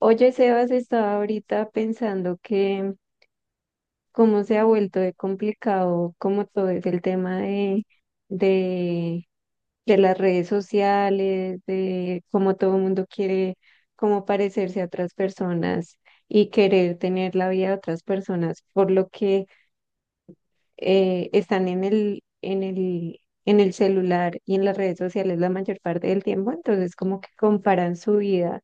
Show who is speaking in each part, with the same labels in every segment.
Speaker 1: Oye, Sebas, estaba ahorita pensando que cómo se ha vuelto de complicado, como todo es el tema de, de las redes sociales, de cómo todo el mundo quiere como parecerse a otras personas y querer tener la vida de otras personas, por lo que están en el celular y en las redes sociales la mayor parte del tiempo, entonces como que comparan su vida.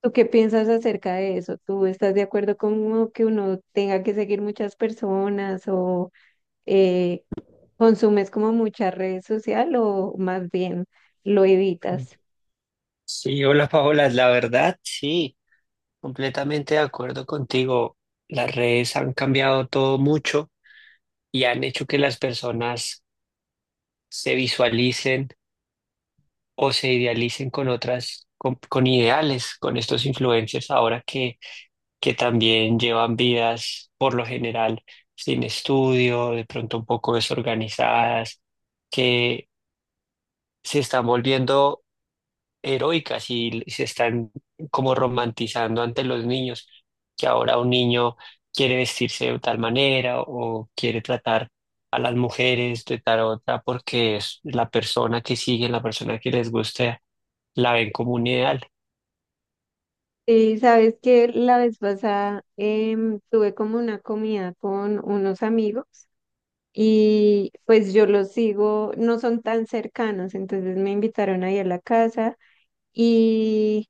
Speaker 1: ¿Tú qué piensas acerca de eso? ¿Tú estás de acuerdo con que uno tenga que seguir muchas personas o eh, consumes como mucha red social o más bien lo evitas?
Speaker 2: Sí, hola Paola, la verdad, sí, completamente de acuerdo contigo. Las redes han cambiado todo mucho y han hecho que las personas se visualicen o se idealicen con otras, con ideales, con estos influencers ahora que también llevan vidas por lo general sin estudio, de pronto un poco desorganizadas, que se están volviendo heroicas y se están como romantizando ante los niños, que ahora un niño quiere vestirse de tal manera o quiere tratar a las mujeres de tal otra porque es la persona que siguen, la persona que les gusta la ven como un ideal.
Speaker 1: Y sabes que la vez pasada tuve como una comida con unos amigos y pues yo los sigo, no son tan cercanos, entonces me invitaron ahí a la casa. Y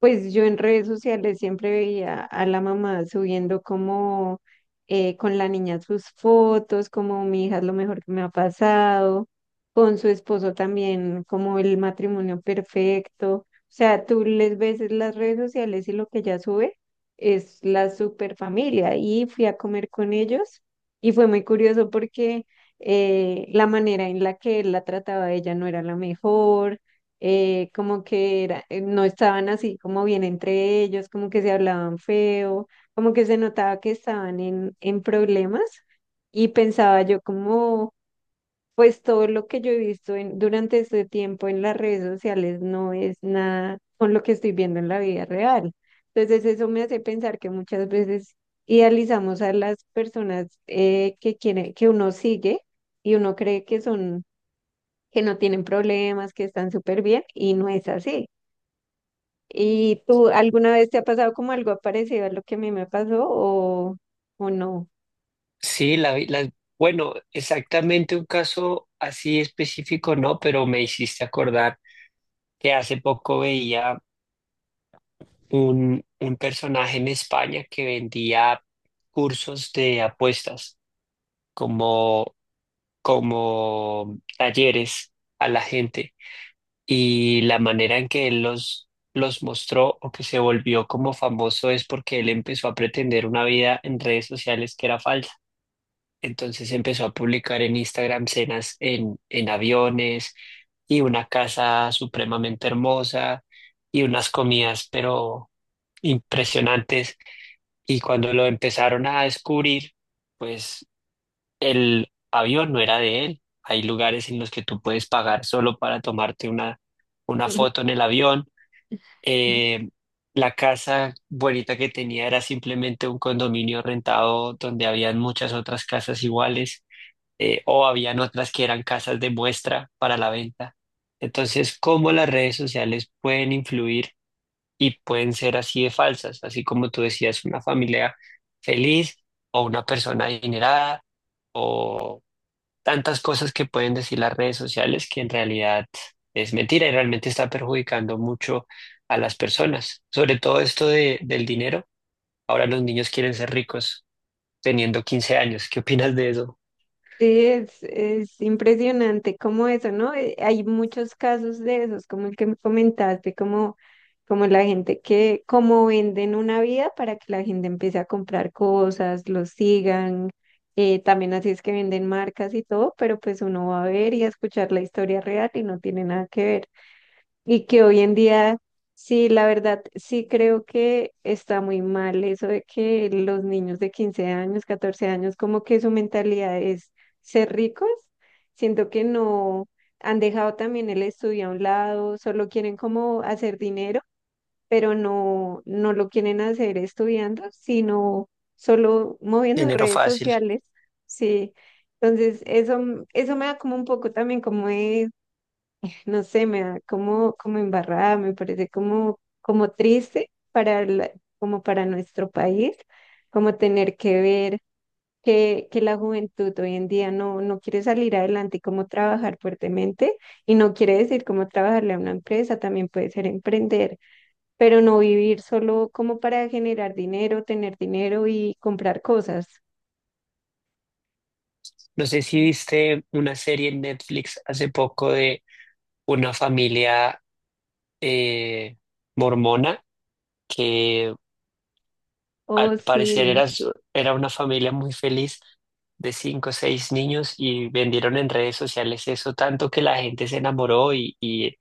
Speaker 1: pues yo en redes sociales siempre veía a la mamá subiendo como con la niña sus fotos, como mi hija es lo mejor que me ha pasado, con su esposo también, como el matrimonio perfecto. O sea, tú les ves en las redes sociales y lo que ella sube es la super familia. Y fui a comer con ellos y fue muy curioso porque la manera en la que él la trataba a ella no era la mejor. Como que era, no estaban así como bien entre ellos, como que se hablaban feo, como que se notaba que estaban en problemas y pensaba yo como, pues todo lo que yo he visto durante este tiempo en las redes sociales no es nada con lo que estoy viendo en la vida real. Entonces eso me hace pensar que muchas veces idealizamos a las personas, que uno sigue y uno cree que son, que no tienen problemas, que están súper bien y no es así. ¿Y tú alguna vez te ha pasado como algo parecido a lo que a mí me pasó o no?
Speaker 2: Sí, bueno, exactamente un caso así específico no, pero me hiciste acordar que hace poco veía un personaje en España que vendía cursos de apuestas, como, como talleres a la gente, y la manera en que él los mostró o que se volvió como famoso es porque él empezó a pretender una vida en redes sociales que era falsa. Entonces empezó a publicar en Instagram cenas en aviones y una casa supremamente hermosa y unas comidas pero impresionantes. Y cuando lo empezaron a descubrir, pues el avión no era de él. Hay lugares en los que tú puedes pagar solo para tomarte una foto en el avión. Eh, la casa bonita que tenía era simplemente un condominio rentado donde habían muchas otras casas iguales, o habían otras que eran casas de muestra para la venta. Entonces, ¿cómo las redes sociales pueden influir y pueden ser así de falsas? Así como tú decías, una familia feliz o una persona adinerada o tantas cosas que pueden decir las redes sociales que en realidad es mentira y realmente está perjudicando mucho a las personas. Sobre todo esto de, del dinero. Ahora los niños quieren ser ricos teniendo 15 años. ¿Qué opinas de eso?
Speaker 1: Sí, es impresionante como eso, ¿no? Hay muchos casos de esos, como el que me comentaste, como la gente que, como venden una vida para que la gente empiece a comprar cosas, los sigan, también así es que venden marcas y todo, pero pues uno va a ver y a escuchar la historia real y no tiene nada que ver. Y que hoy en día, sí, la verdad, sí creo que está muy mal eso de que los niños de 15 años, 14 años, como que su mentalidad es ser ricos. Siento que no han dejado también el estudio a un lado, solo quieren como hacer dinero, pero no lo quieren hacer estudiando, sino solo moviendo
Speaker 2: Dinero
Speaker 1: redes
Speaker 2: fácil.
Speaker 1: sociales. Sí. Entonces, eso, eso me da como un poco también como de no sé, me da como, como embarrada, me parece como, como triste como para nuestro país, como tener que ver que la juventud hoy en día no quiere salir adelante y cómo trabajar fuertemente, y no quiere decir cómo trabajarle a una empresa, también puede ser emprender, pero no vivir solo como para generar dinero, tener dinero y comprar cosas.
Speaker 2: No sé si viste una serie en Netflix hace poco de una familia, eh, mormona, que al
Speaker 1: Oh,
Speaker 2: parecer
Speaker 1: sí.
Speaker 2: era una familia muy feliz de cinco o seis niños, y vendieron en redes sociales eso tanto que la gente se enamoró y, y,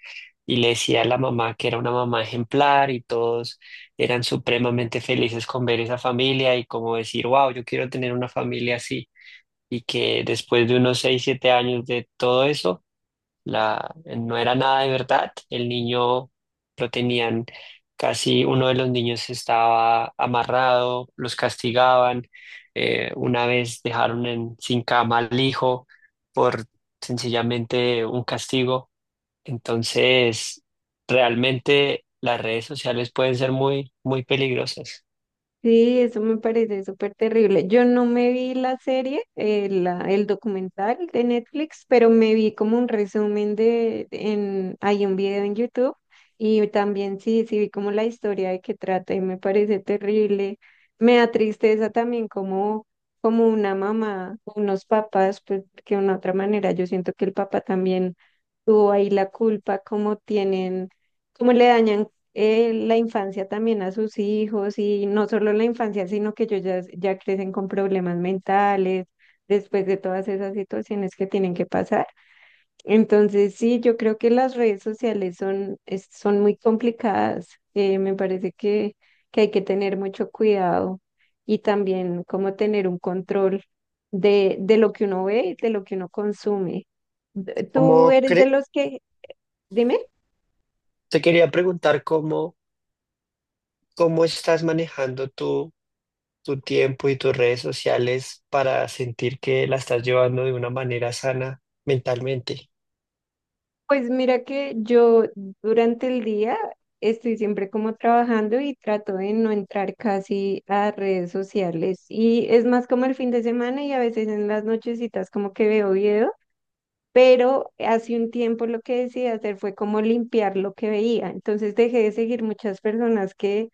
Speaker 2: y le decía a la mamá que era una mamá ejemplar, y todos eran supremamente felices con ver esa familia y como decir: wow, yo quiero tener una familia así. Y que después de unos 6, 7 años de todo eso, la, no era nada de verdad. El niño lo tenían casi, uno de los niños estaba amarrado, los castigaban. Una vez dejaron sin cama al hijo por sencillamente un castigo. Entonces, realmente las redes sociales pueden ser muy, muy peligrosas.
Speaker 1: Sí, eso me parece súper terrible. Yo no me vi la serie, el documental de Netflix, pero me vi como un resumen de, en, hay un video en YouTube y también sí, sí vi como la historia de qué trata y me parece terrible. Me da tristeza también como, como una mamá, unos papás, pues que de una otra manera yo siento que el papá también tuvo ahí la culpa, como tienen, como le dañan la infancia también a sus hijos y no solo la infancia, sino que ellos ya, ya crecen con problemas mentales después de todas esas situaciones que tienen que pasar. Entonces, sí, yo creo que las redes sociales son, son muy complicadas. Me parece que hay que tener mucho cuidado y también como tener un control de lo que uno ve y de lo que uno consume. ¿Tú
Speaker 2: ¿Cómo
Speaker 1: eres de
Speaker 2: cre-
Speaker 1: los que, dime?
Speaker 2: ¿Te quería preguntar cómo, estás manejando tú tu tiempo y tus redes sociales para sentir que la estás llevando de una manera sana mentalmente?
Speaker 1: Pues mira que yo durante el día estoy siempre como trabajando y trato de no entrar casi a redes sociales. Y es más como el fin de semana y a veces en las nochecitas como que veo video, pero hace un tiempo lo que decidí hacer fue como limpiar lo que veía. Entonces dejé de seguir muchas personas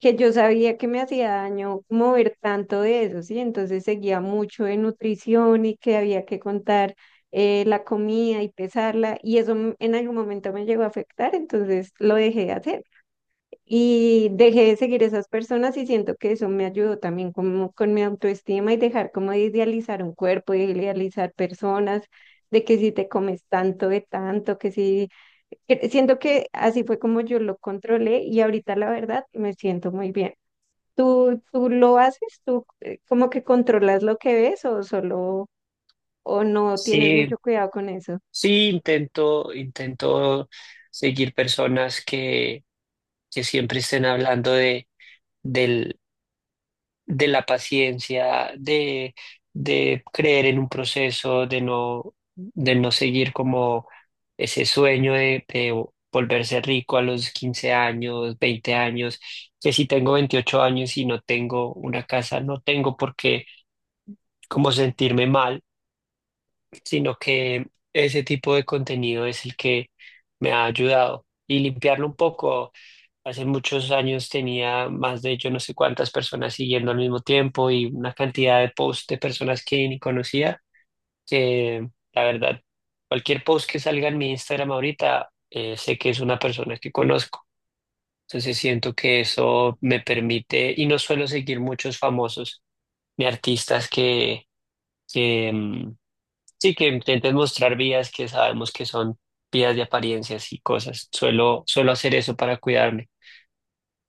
Speaker 1: que yo sabía que me hacía daño mover tanto de eso, ¿sí? Entonces seguía mucho de nutrición y que había que contar la comida y pesarla y eso en algún momento me llegó a afectar, entonces lo dejé de hacer y dejé de seguir esas personas y siento que eso me ayudó también como con mi autoestima y dejar como de idealizar un cuerpo, de idealizar personas. De que si te comes tanto de tanto, que si... Siento que así fue como yo lo controlé y ahorita la verdad me siento muy bien. ¿Tú, tú lo haces? ¿Tú como que controlas lo que ves o solo o no tienes
Speaker 2: Sí,
Speaker 1: mucho cuidado con eso?
Speaker 2: sí, intento seguir personas que, siempre estén hablando de, del de la paciencia, de creer en un proceso, de no seguir como ese sueño de volverse rico a los 15 años, 20 años, que si tengo 28 años y no tengo una casa, no tengo por qué como sentirme mal, sino que ese tipo de contenido es el que me ha ayudado. Y limpiarlo un poco, hace muchos años tenía más de yo no sé cuántas personas siguiendo al mismo tiempo, y una cantidad de posts de personas que ni conocía, que la verdad, cualquier post que salga en mi Instagram ahorita, sé que es una persona que conozco. Entonces siento que eso me permite, y no suelo seguir muchos famosos ni artistas. Que, mm, Sí, que intentes mostrar vías que sabemos que son vías de apariencias y cosas. Suelo hacer eso para cuidarme.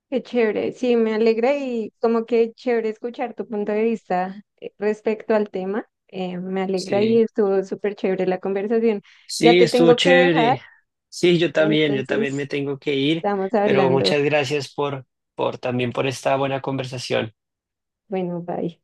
Speaker 1: Qué chévere, sí, me alegra y como que chévere escuchar tu punto de vista, respecto al tema. Me alegra y
Speaker 2: Sí,
Speaker 1: estuvo súper chévere la conversación. Ya
Speaker 2: sí,
Speaker 1: te
Speaker 2: estuvo
Speaker 1: tengo que dejar,
Speaker 2: chévere. Sí, yo también me
Speaker 1: entonces
Speaker 2: tengo que ir,
Speaker 1: estamos
Speaker 2: pero
Speaker 1: hablando.
Speaker 2: muchas gracias por también por esta buena conversación.
Speaker 1: Bueno, bye.